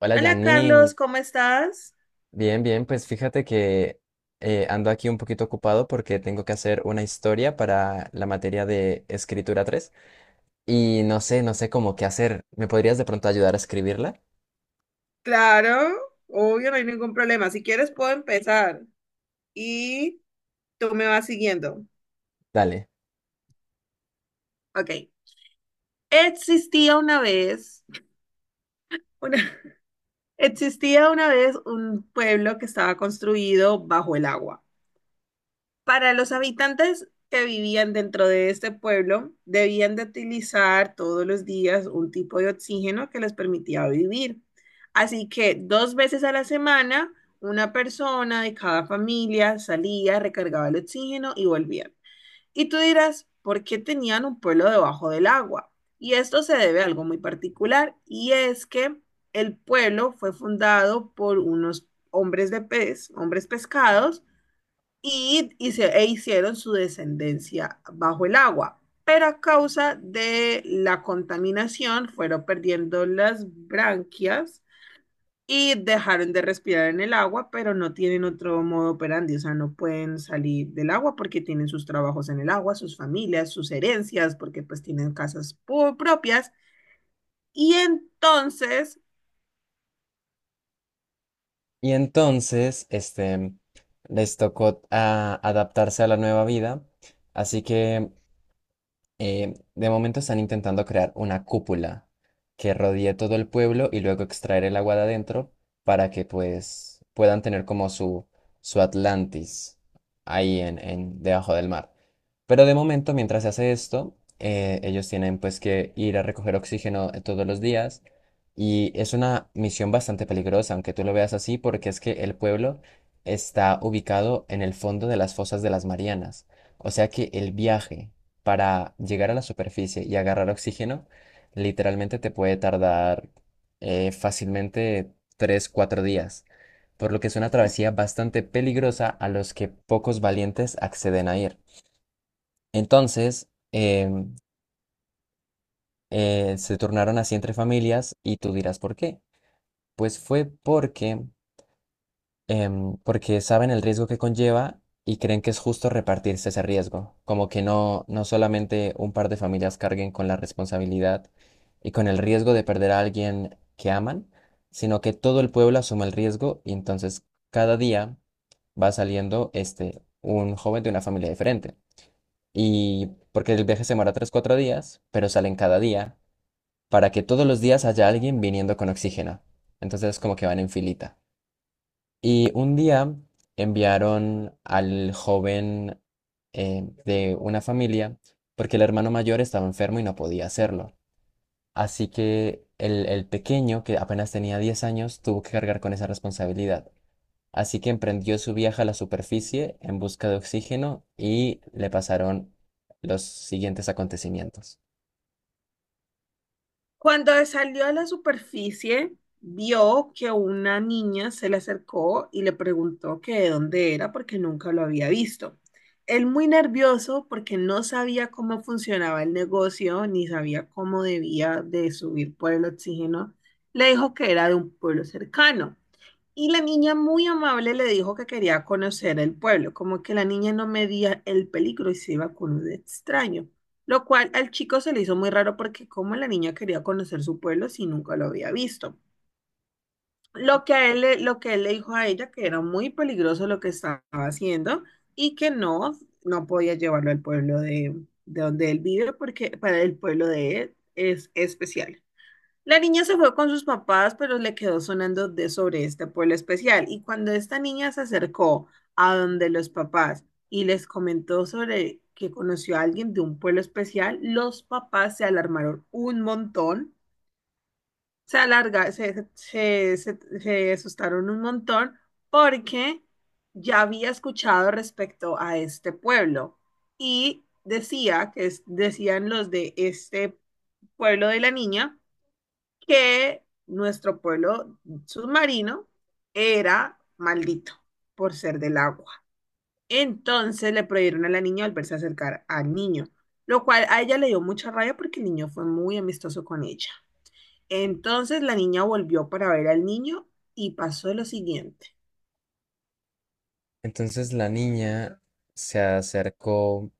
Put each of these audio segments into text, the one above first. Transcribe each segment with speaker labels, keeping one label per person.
Speaker 1: Hola
Speaker 2: Hola
Speaker 1: Janine,
Speaker 2: Carlos, ¿cómo estás?
Speaker 1: bien, bien, pues fíjate que ando aquí un poquito ocupado porque tengo que hacer una historia para la materia de escritura 3 y no sé cómo qué hacer. ¿Me podrías de pronto ayudar a escribirla?
Speaker 2: Claro, obvio, no hay ningún problema. Si quieres, puedo empezar y tú me vas siguiendo.
Speaker 1: Dale.
Speaker 2: Ok. Existía una vez, una- existía una vez un pueblo que estaba construido bajo el agua. Para los habitantes que vivían dentro de este pueblo, debían de utilizar todos los días un tipo de oxígeno que les permitía vivir. Así que dos veces a la semana, una persona de cada familia salía, recargaba el oxígeno y volvía. Y tú dirás, ¿por qué tenían un pueblo debajo del agua? Y esto se debe a algo muy particular, y es que el pueblo fue fundado por unos hombres de pez, hombres pescados, e hicieron su descendencia bajo el agua, pero a causa de la contaminación fueron perdiendo las branquias y dejaron de respirar en el agua, pero no tienen otro modo operandi, o sea, no pueden salir del agua porque tienen sus trabajos en el agua, sus familias, sus herencias, porque pues tienen casas propias. Y entonces
Speaker 1: Y entonces, les tocó adaptarse a la nueva vida, así que de momento están intentando crear una cúpula que rodee todo el pueblo y luego extraer el agua de adentro para que pues puedan tener como su Atlantis ahí en debajo del mar. Pero de momento, mientras se hace esto, ellos tienen pues que ir a recoger oxígeno todos los días y es una misión bastante peligrosa, aunque tú lo veas así, porque es que el pueblo está ubicado en el fondo de las fosas de las Marianas. O sea que el viaje para llegar a la superficie y agarrar oxígeno, literalmente te puede tardar fácilmente 3 4 días, por lo que es una travesía bastante peligrosa a los que pocos valientes acceden a ir. Entonces, se tornaron así entre familias y tú dirás, ¿por qué? Pues fue porque porque saben el riesgo que conlleva y creen que es justo repartirse ese riesgo, como que no, no solamente un par de familias carguen con la responsabilidad y con el riesgo de perder a alguien que aman, sino que todo el pueblo asuma el riesgo y entonces cada día va saliendo este, un joven de una familia diferente. Y porque el viaje se demora 3, 4 días, pero salen cada día para que todos los días haya alguien viniendo con oxígeno. Entonces como que van en filita. Y un día enviaron al joven de una familia porque el hermano mayor estaba enfermo y no podía hacerlo. Así que el pequeño, que apenas tenía 10 años, tuvo que cargar con esa responsabilidad. Así que emprendió su viaje a la superficie en busca de oxígeno y le pasaron los siguientes acontecimientos.
Speaker 2: cuando salió a la superficie, vio que una niña se le acercó y le preguntó que de dónde era porque nunca lo había visto. Él muy nervioso porque no sabía cómo funcionaba el negocio ni sabía cómo debía de subir por el oxígeno, le dijo que era de un pueblo cercano. Y la niña muy amable le dijo que quería conocer el pueblo, como que la niña no medía el peligro y se iba con un extraño, lo cual al chico se le hizo muy raro porque como la niña quería conocer su pueblo si nunca lo había visto. Lo que él le dijo a ella que era muy peligroso lo que estaba haciendo y que no, no podía llevarlo al pueblo de donde él vive porque para el pueblo de él es especial. La niña se fue con sus papás, pero le quedó sonando de sobre este pueblo especial. Y cuando esta niña se acercó a donde los papás y les comentó sobre que conoció a alguien de un pueblo especial, los papás se alarmaron un montón, se alarga, se asustaron un montón porque ya había escuchado respecto a este pueblo y decían los de este pueblo de la niña que nuestro pueblo submarino era maldito por ser del agua. Entonces le prohibieron a la niña volverse a acercar al niño, lo cual a ella le dio mucha rabia porque el niño fue muy amistoso con ella. Entonces la niña volvió para ver al niño y pasó lo siguiente.
Speaker 1: Entonces la niña se acercó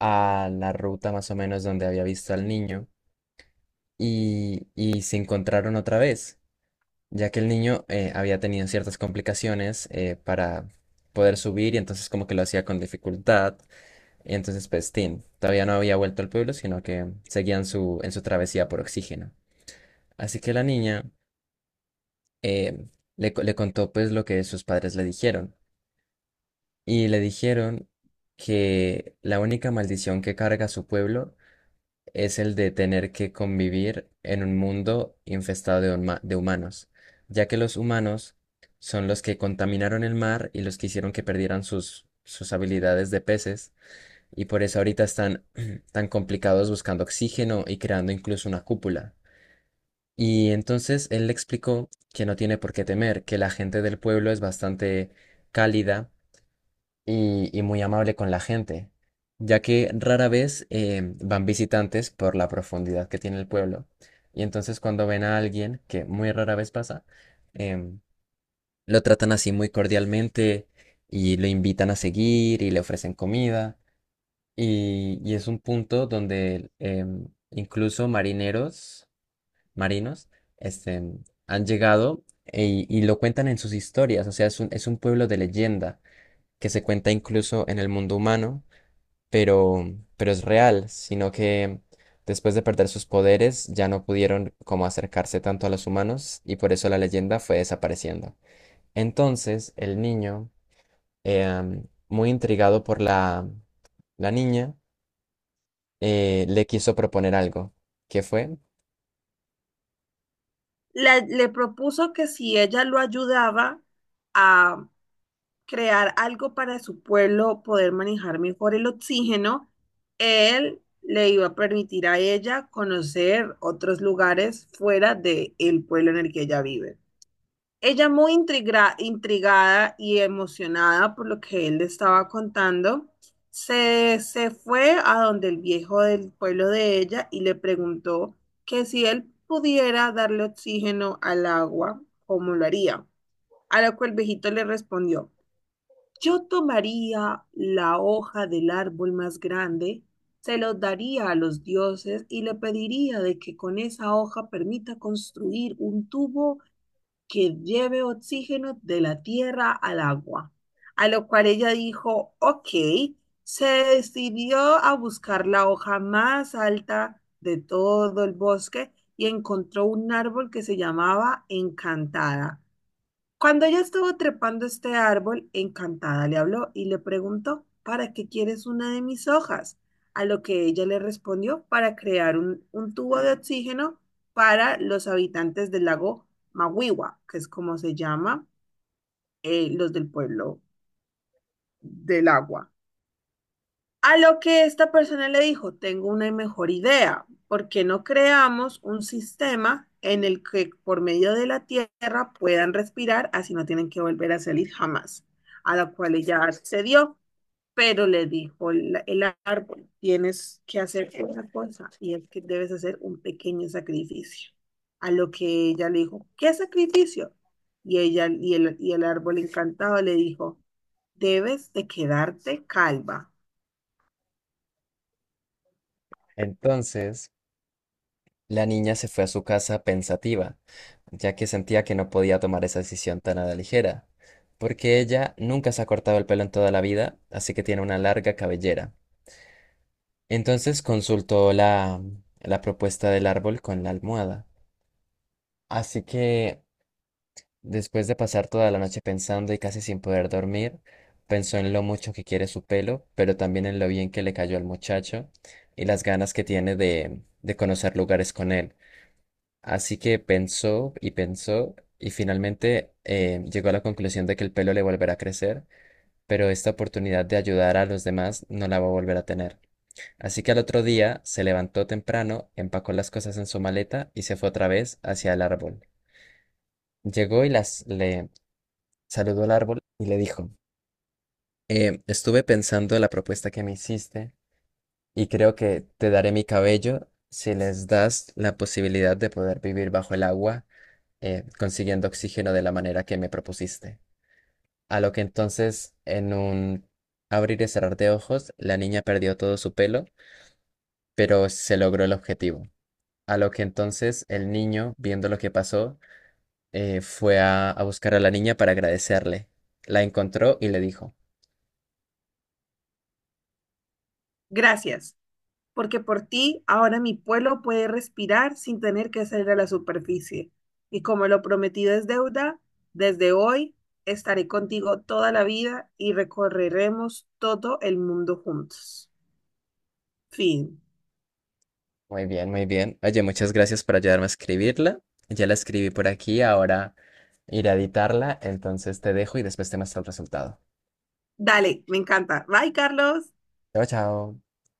Speaker 1: a la ruta más o menos donde había visto al niño y se encontraron otra vez, ya que el niño había tenido ciertas complicaciones para poder subir y entonces como que lo hacía con dificultad. Y entonces pues Tim todavía no había vuelto al pueblo, sino que seguían en su travesía por oxígeno. Así que la niña eh, le contó pues lo que sus padres le dijeron. Y le dijeron que la única maldición que carga su pueblo es el de tener que convivir en un mundo infestado de humanos, ya que los humanos son los que contaminaron el mar y los que hicieron que perdieran sus habilidades de peces, y por eso ahorita están tan complicados buscando oxígeno y creando incluso una cúpula. Y entonces él le explicó que no tiene por qué temer, que la gente del pueblo es bastante cálida y muy amable con la gente, ya que rara vez van visitantes por la profundidad que tiene el pueblo. Y entonces cuando ven a alguien, que muy rara vez pasa, em, lo tratan así muy cordialmente y lo invitan a seguir y le ofrecen comida. Y es un punto donde incluso marineros, marinos, este, han llegado y lo cuentan en sus historias. O sea, es es un pueblo de leyenda que se cuenta incluso en el mundo humano pero, pero es real, sino que después de perder sus poderes ya no pudieron como acercarse tanto a los humanos y por eso la leyenda fue desapareciendo. Entonces el niño, muy intrigado por la niña, le quiso proponer algo. ¿Qué fue?
Speaker 2: Le propuso que si ella lo ayudaba a crear algo para su pueblo, poder manejar mejor el oxígeno, él le iba a permitir a ella conocer otros lugares fuera del pueblo en el que ella vive. Ella muy intrigada y emocionada por lo que él le estaba contando, se fue a donde el viejo del pueblo de ella y le preguntó que si él pudiera darle oxígeno al agua, ¿cómo lo haría? A lo que el viejito le respondió, yo tomaría la hoja del árbol más grande, se los daría a los dioses y le pediría de que con esa hoja permita construir un tubo que lleve oxígeno de la tierra al agua. A lo cual ella dijo, ok, se decidió a buscar la hoja más alta de todo el bosque y encontró un árbol que se llamaba Encantada. Cuando ella estuvo trepando este árbol, Encantada le habló y le preguntó, ¿para qué quieres una de mis hojas? A lo que ella le respondió, para crear un tubo de oxígeno para los habitantes del lago Mawiwa, que es como se llama, los del pueblo del agua. A lo que esta persona le dijo, tengo una mejor idea, ¿por qué no creamos un sistema en el que por medio de la tierra puedan respirar, así no tienen que volver a salir jamás? A la cual ella accedió, pero le dijo el árbol, tienes que hacer una cosa y es que debes hacer un pequeño sacrificio. A lo que ella le dijo, ¿qué sacrificio? Y el árbol encantado le dijo, debes de quedarte calva.
Speaker 1: Entonces la niña se fue a su casa pensativa, ya que sentía que no podía tomar esa decisión tan a la ligera. Porque ella nunca se ha cortado el pelo en toda la vida, así que tiene una larga cabellera. Entonces consultó la propuesta del árbol con la almohada. Así que, después de pasar toda la noche pensando y casi sin poder dormir, pensó en lo mucho que quiere su pelo, pero también en lo bien que le cayó al muchacho y las ganas que tiene de conocer lugares con él. Así que pensó y pensó y finalmente llegó a la conclusión de que el pelo le volverá a crecer, pero esta oportunidad de ayudar a los demás no la va a volver a tener. Así que al otro día se levantó temprano, empacó las cosas en su maleta y se fue otra vez hacia el árbol. Llegó y las le saludó al árbol y le dijo, estuve pensando en la propuesta que me hiciste y creo que te daré mi cabello si les das la posibilidad de poder vivir bajo el agua, consiguiendo oxígeno de la manera que me propusiste." A lo que entonces, en un abrir y cerrar de ojos, la niña perdió todo su pelo, pero se logró el objetivo. A lo que entonces el niño, viendo lo que pasó, a buscar a la niña para agradecerle. La encontró y le dijo,
Speaker 2: Gracias, porque por ti ahora mi pueblo puede respirar sin tener que salir a la superficie. Y como lo prometido es deuda, desde hoy estaré contigo toda la vida y recorreremos todo el mundo juntos. Fin.
Speaker 1: muy bien, muy bien. Oye, muchas gracias por ayudarme a escribirla. Ya la escribí por aquí, ahora iré a editarla, entonces te dejo y después te muestro el resultado.
Speaker 2: Dale, me encanta. Bye, Carlos.
Speaker 1: Chao, chao.